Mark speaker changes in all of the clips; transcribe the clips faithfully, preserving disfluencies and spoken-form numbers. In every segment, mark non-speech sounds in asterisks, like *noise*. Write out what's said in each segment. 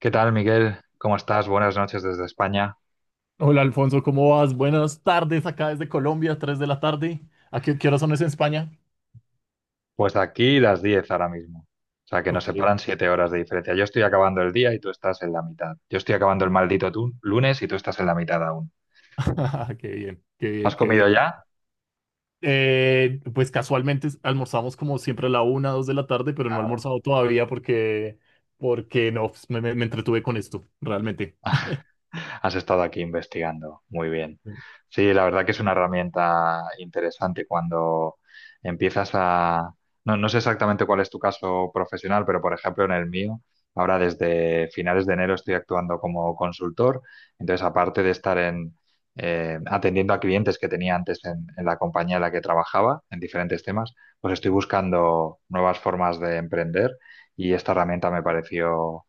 Speaker 1: ¿Qué tal, Miguel? ¿Cómo estás? Buenas noches desde España.
Speaker 2: Hola Alfonso, ¿cómo vas? Buenas tardes acá desde Colombia, tres de la tarde. ¿A qué, qué hora son eso en España?
Speaker 1: Pues aquí las diez ahora mismo. O sea, que nos
Speaker 2: Ok.
Speaker 1: separan siete horas de diferencia. Yo estoy acabando el día y tú estás en la mitad. Yo estoy acabando el maldito tu- lunes y tú estás en la mitad aún.
Speaker 2: *laughs* Qué bien, qué bien,
Speaker 1: ¿Has
Speaker 2: qué
Speaker 1: comido
Speaker 2: bien.
Speaker 1: ya?
Speaker 2: Eh, pues casualmente almorzamos como siempre a la una, dos de la tarde, pero no he
Speaker 1: Claro.
Speaker 2: almorzado todavía porque, porque no, pues, me, me- me entretuve con esto, realmente.
Speaker 1: Has estado aquí investigando. Muy bien. Sí, la verdad que es una herramienta interesante cuando empiezas a... No, no sé exactamente cuál es tu caso profesional, pero por ejemplo en el mío, ahora desde finales de enero estoy actuando como consultor. Entonces, aparte de estar en, eh, atendiendo a clientes que tenía antes en, en la compañía en la que trabajaba, en diferentes temas, pues estoy buscando nuevas formas de emprender y esta herramienta me pareció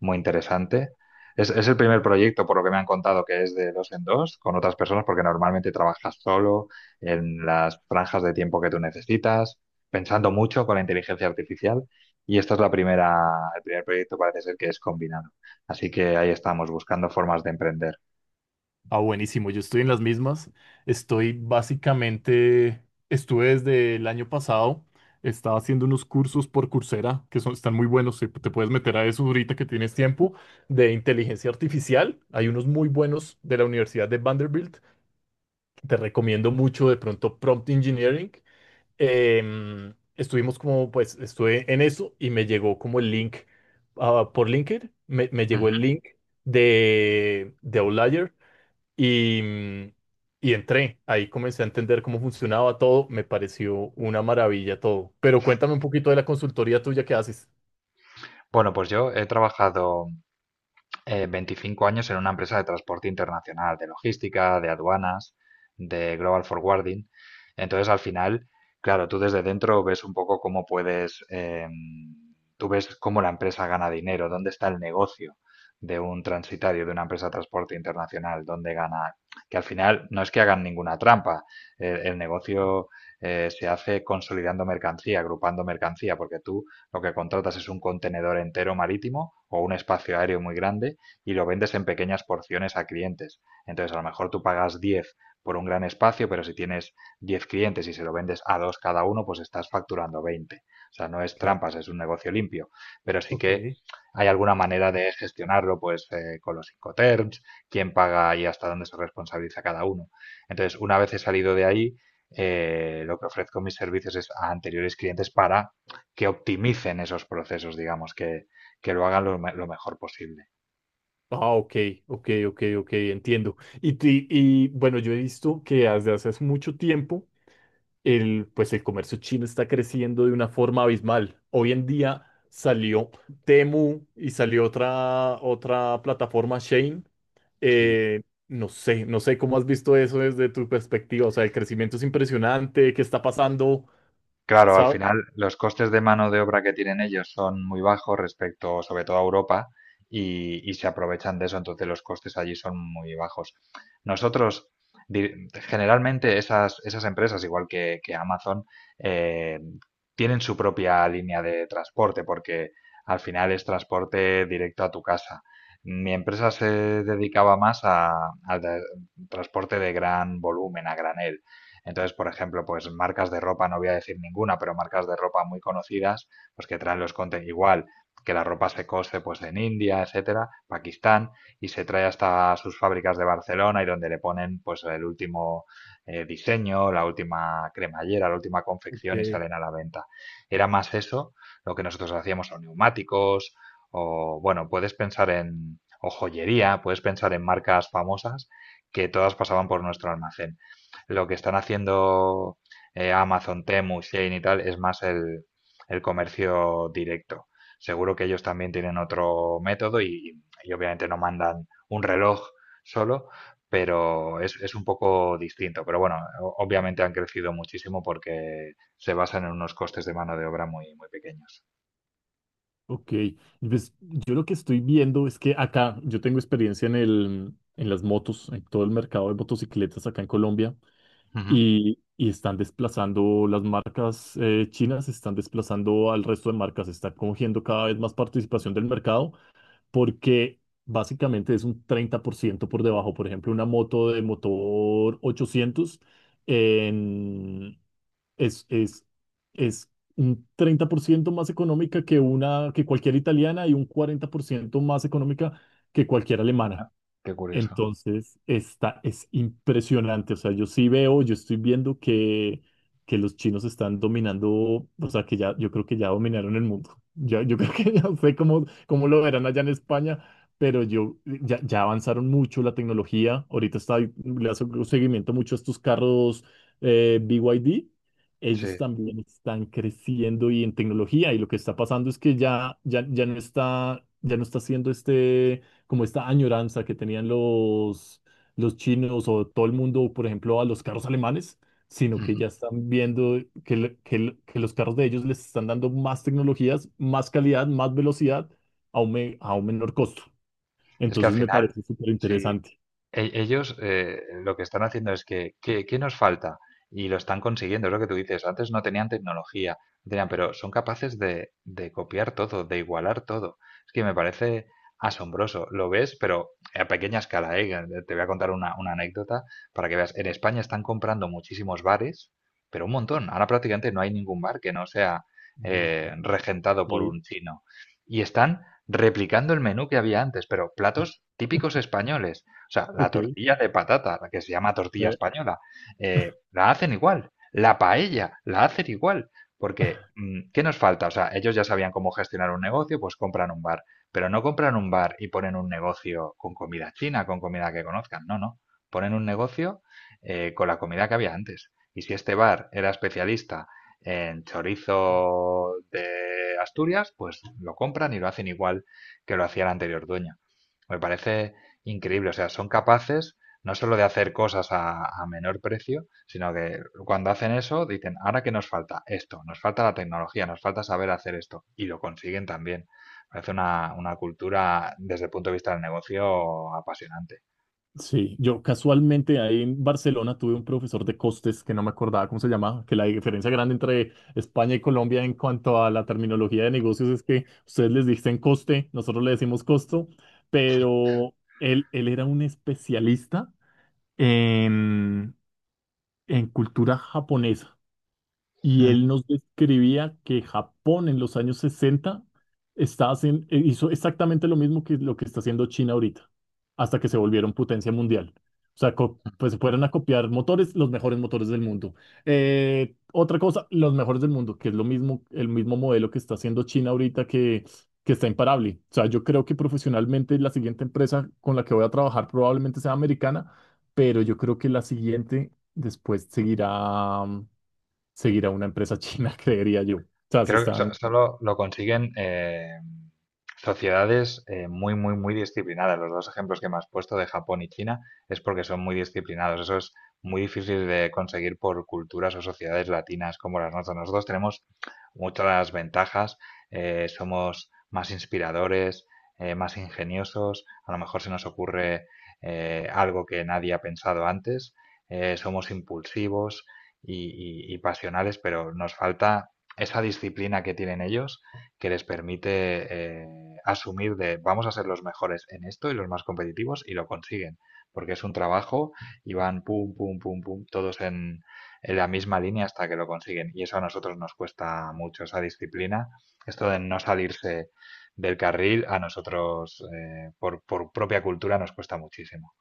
Speaker 1: muy interesante. Es, es el primer proyecto, por lo que me han contado, que es de dos en dos, con otras personas, porque normalmente trabajas solo en las franjas de tiempo que tú necesitas, pensando mucho con la inteligencia artificial. Y esta es la primera, el primer proyecto parece ser que es combinado. Así que ahí estamos, buscando formas de emprender.
Speaker 2: Ah, buenísimo, yo estoy en las mismas. Estoy básicamente, estuve desde el año pasado, estaba haciendo unos cursos por Coursera que son, están muy buenos, te te puedes meter a eso ahorita que tienes tiempo, de inteligencia artificial. Hay unos muy buenos de la Universidad de Vanderbilt, que te recomiendo mucho, de pronto Prompt Engineering. Em, estuvimos como, pues, estuve en eso y me llegó como el link, ah, por LinkedIn, me, me llegó el
Speaker 1: Ujú.
Speaker 2: link de, de Outlier. Y, mm, y entré, ahí comencé a entender cómo funcionaba todo, me pareció una maravilla todo. Pero cuéntame un poquito de la consultoría tuya que haces.
Speaker 1: Bueno, pues yo he trabajado eh, veinticinco años en una empresa de transporte internacional, de logística, de aduanas, de global forwarding. Entonces, al final, claro, tú desde dentro ves un poco cómo puedes, eh, tú ves cómo la empresa gana dinero, dónde está el negocio de un transitario, de una empresa de transporte internacional, dónde gana, que al final no es que hagan ninguna trampa, el, el negocio eh, se hace consolidando mercancía, agrupando mercancía, porque tú lo que contratas es un contenedor entero marítimo o un espacio aéreo muy grande y lo vendes en pequeñas porciones a clientes. Entonces, a lo mejor tú pagas diez por un gran espacio, pero si tienes diez clientes y se lo vendes a dos cada uno, pues estás facturando veinte. O sea, no es
Speaker 2: Claro.
Speaker 1: trampas, es un negocio limpio, pero sí
Speaker 2: Ok.
Speaker 1: que hay alguna manera de gestionarlo, pues eh, con los incoterms, quién paga y hasta dónde se responsabiliza cada uno. Entonces, una vez he salido de ahí, eh, lo que ofrezco mis servicios es a anteriores clientes para que optimicen esos procesos, digamos, que, que lo hagan lo, lo mejor posible.
Speaker 2: Ah, ok, ok, ok, ok, entiendo. Y, ti- y bueno, yo he visto que desde hace mucho tiempo el, pues el comercio chino está creciendo de una forma abismal. Hoy en día salió Temu y salió otra, otra plataforma, Shein.
Speaker 1: Sí.
Speaker 2: Eh, no sé, no sé cómo has visto eso desde tu perspectiva. O sea, el crecimiento es impresionante. ¿Qué está pasando?
Speaker 1: Claro, al
Speaker 2: ¿Sabes?
Speaker 1: final los costes de mano de obra que tienen ellos son muy bajos respecto, sobre todo a Europa, y, y se aprovechan de eso, entonces los costes allí son muy bajos. Nosotros, di- generalmente esas, esas empresas, igual que, que Amazon, eh, tienen su propia línea de transporte, porque al final es transporte directo a tu casa. Mi empresa se dedicaba más a, al de- transporte de gran volumen, a granel, entonces, por ejemplo, pues marcas de ropa, no voy a decir ninguna, pero marcas de ropa muy conocidas, pues que traen los contenidos igual, que la ropa se cose pues en India, etcétera, Pakistán, y se trae hasta sus fábricas de Barcelona y donde le ponen pues el último eh, diseño, la última cremallera, la última confección y
Speaker 2: Porque-
Speaker 1: salen a la venta. Era más eso lo que nosotros hacíamos, o neumáticos, o bueno, puedes pensar en, o joyería, puedes pensar en marcas famosas que todas pasaban por nuestro almacén. Lo que están haciendo eh, Amazon, Temu, Shein y tal es más el, el comercio directo. Seguro que ellos también tienen otro método y, y obviamente no mandan un reloj solo, pero es, es un poco distinto. Pero bueno, o- obviamente han crecido muchísimo porque se basan en unos costes de mano de obra muy, muy pequeños.
Speaker 2: Ok, pues yo lo que estoy viendo es que acá yo tengo experiencia en el, en las motos, en todo el mercado de motocicletas acá en Colombia.
Speaker 1: Ujú.
Speaker 2: y, y están desplazando las marcas eh, chinas, están desplazando al resto de marcas, están cogiendo cada vez más participación del mercado porque básicamente es un treinta por ciento por debajo. Por ejemplo, una moto de motor ochocientos en- es, es, es un treinta por ciento más económica que, una, que cualquier italiana y un cuarenta por ciento más económica que cualquier alemana.
Speaker 1: Ah, qué curioso.
Speaker 2: Entonces, esta es impresionante. O sea, yo sí veo, yo estoy viendo que, que los chinos están dominando, o sea, que ya, yo creo que ya dominaron el mundo. *laughs* Ya, yo creo que *laughs* ya no sé cómo, cómo lo verán allá en España, pero yo, ya, ya avanzaron mucho la tecnología. Ahorita está, le hace un seguimiento mucho a estos carros eh, B Y D. Ellos
Speaker 1: Sí.
Speaker 2: también están creciendo y en tecnología, y lo que está pasando es que ya, ya, ya no está, ya no está haciendo este como esta añoranza que tenían los, los chinos o todo el mundo, por ejemplo, a los carros alemanes, sino que
Speaker 1: Ujú.
Speaker 2: ya están viendo que, le- que le- que los carros de ellos les están dando más tecnologías, más calidad, más velocidad a un, me- a un menor costo.
Speaker 1: Es que al
Speaker 2: Entonces me
Speaker 1: final,
Speaker 2: parece súper
Speaker 1: sí,
Speaker 2: interesante.
Speaker 1: E- ellos eh, lo que están haciendo es que, ¿qué, qué nos falta? Y lo están consiguiendo, es lo que tú dices. Antes no tenían tecnología, no tenían, pero son capaces de, de copiar todo, de igualar todo. Es que me parece asombroso. Lo ves, pero a pequeña escala, ¿eh? Te voy a contar una, una anécdota para que veas. En España están comprando muchísimos bares, pero un montón. Ahora prácticamente no hay ningún bar que no sea eh,
Speaker 2: No,
Speaker 1: regentado por
Speaker 2: ok,
Speaker 1: un chino. Y están replicando el menú que había antes, pero platos típicos españoles. O sea, la
Speaker 2: ok.
Speaker 1: tortilla de patata, la que se llama tortilla
Speaker 2: Eh,
Speaker 1: española, eh, la hacen igual. La paella, la hacen igual. Porque, mm, ¿qué nos falta? O sea, ellos ya sabían cómo gestionar un negocio, pues compran un bar. Pero no compran un bar y ponen un negocio con comida china, con comida que conozcan. No, no. Ponen un negocio eh, con la comida que había antes. Y si este bar era especialista en chorizo de Asturias, pues lo compran y lo hacen igual que lo hacía el anterior dueño. Me parece increíble. O sea, son capaces no solo de hacer cosas a, a menor precio, sino que cuando hacen eso dicen, ahora que nos falta esto, nos falta la tecnología, nos falta saber hacer esto. Y lo consiguen también. Parece una, una cultura desde el punto de vista del negocio apasionante.
Speaker 2: Sí, yo casualmente ahí en Barcelona tuve un profesor de costes que no me acordaba cómo se llamaba, que la diferencia grande entre España y Colombia en cuanto a la terminología de negocios es que ustedes les dicen coste, nosotros le decimos costo, pero él, él era un especialista en, en cultura japonesa. Y
Speaker 1: Mm.
Speaker 2: él nos describía que Japón en los años sesenta está hacen- eh, hizo exactamente lo mismo que lo que está haciendo China ahorita, hasta que se volvieron potencia mundial. O sea, co- pues se fueron a copiar motores, los mejores motores del mundo. Eh, otra cosa, los mejores del mundo, que es lo mismo, el mismo modelo que está haciendo China ahorita que, que está imparable. O sea, yo creo que profesionalmente la siguiente empresa con la que voy a trabajar probablemente sea americana, pero yo creo que la siguiente después seguirá seguir a una empresa china, *laughs* creería yo. O sea, se
Speaker 1: Creo que so-
Speaker 2: están,
Speaker 1: solo lo consiguen eh, sociedades eh, muy, muy, muy disciplinadas. Los dos ejemplos que me has puesto de Japón y China es porque son muy disciplinados. Eso es muy difícil de conseguir por culturas o sociedades latinas como las nuestras. Nosotros tenemos muchas ventajas, eh, somos más inspiradores, eh, más ingeniosos, a lo mejor se nos ocurre eh, algo que nadie ha pensado antes, eh, somos impulsivos y, y- y pasionales, pero nos falta esa disciplina que tienen ellos que les permite eh, asumir de vamos a ser los mejores en esto y los más competitivos y lo consiguen, porque es un trabajo y van pum, pum, pum, pum, todos en, en la misma línea hasta que lo consiguen. Y eso a nosotros nos cuesta mucho, esa disciplina, esto de no salirse del carril, a nosotros eh, por, por propia cultura nos cuesta muchísimo.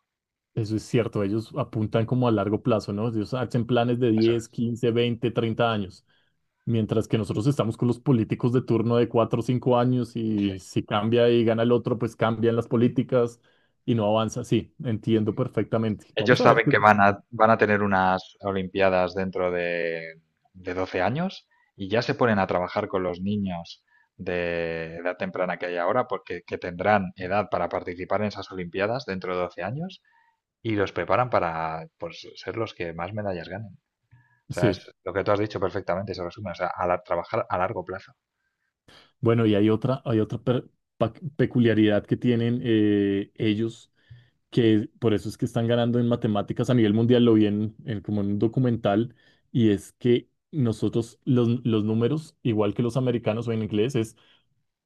Speaker 2: eso es cierto, ellos apuntan como a largo plazo, ¿no? Ellos hacen planes de
Speaker 1: Eso
Speaker 2: diez
Speaker 1: es,
Speaker 2: quince veinte treinta años, mientras que nosotros estamos con los políticos de turno de cuatro o cinco años
Speaker 1: sí.
Speaker 2: y si cambia y gana el otro, pues cambian las políticas y no avanza. Sí, entiendo perfectamente.
Speaker 1: Ellos
Speaker 2: Vamos a ver
Speaker 1: saben
Speaker 2: qué...
Speaker 1: que van a, van a tener unas Olimpiadas dentro de, de doce años y ya se ponen a trabajar con los niños de edad temprana que hay ahora, porque que tendrán edad para participar en esas Olimpiadas dentro de doce años y los preparan para pues, ser los que más medallas ganen. O sea, es
Speaker 2: Sí.
Speaker 1: lo que tú has dicho perfectamente, se resume, o sea, a la- trabajar a largo plazo.
Speaker 2: Bueno, y hay otra, hay otra per- pa- peculiaridad que tienen eh, ellos que por eso es que están ganando en matemáticas a nivel mundial, lo vi en, en como en un documental, y es que nosotros los, los números, igual que los americanos o en inglés, es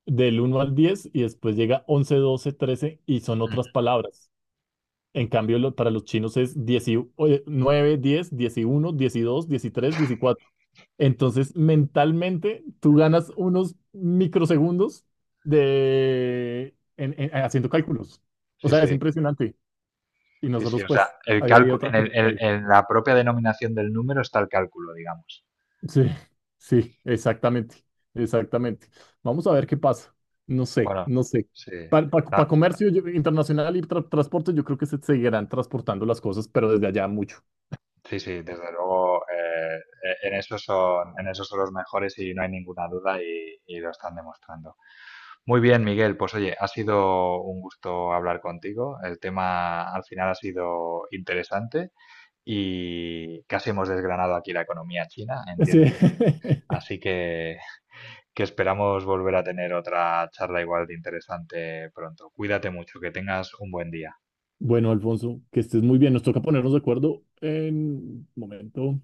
Speaker 2: del uno al diez y después llega once, doce, trece y son
Speaker 1: Mm.
Speaker 2: otras palabras. En cambio, lo- para los chinos es diez y, oye, nueve, diez, once, doce, trece, catorce. Entonces, mentalmente, tú ganas unos microsegundos de, en- en- haciendo cálculos. O
Speaker 1: Sí,
Speaker 2: sea, es
Speaker 1: sí,
Speaker 2: impresionante. Y
Speaker 1: sí, sí,
Speaker 2: nosotros,
Speaker 1: o sea,
Speaker 2: pues,
Speaker 1: el
Speaker 2: ahí hay
Speaker 1: cálculo,
Speaker 2: otra
Speaker 1: en,
Speaker 2: que
Speaker 1: el-
Speaker 2: falta
Speaker 1: en-
Speaker 2: ahí.
Speaker 1: en la propia denominación del número está el cálculo, digamos.
Speaker 2: Sí, sí, exactamente, exactamente. Vamos a ver qué pasa. No sé,
Speaker 1: Bueno,
Speaker 2: no sé.
Speaker 1: sí.
Speaker 2: Para comercio yo- internacional y tra- transporte, yo creo que se seguirán transportando las cosas, pero desde allá mucho.
Speaker 1: Sí, sí, desde luego, eh, e- en eso son, en eso son los mejores y no hay ninguna duda y, y lo están demostrando. Muy bien, Miguel, pues oye, ha sido un gusto hablar contigo. El tema al final ha sido interesante y casi hemos desgranado aquí la economía china en diez
Speaker 2: Sí.
Speaker 1: minutos.
Speaker 2: *laughs*
Speaker 1: Así que, que esperamos volver a tener otra charla igual de interesante pronto. Cuídate mucho, que tengas un buen día.
Speaker 2: Bueno, Alfonso, que estés muy bien. Nos toca ponernos de acuerdo en un momento.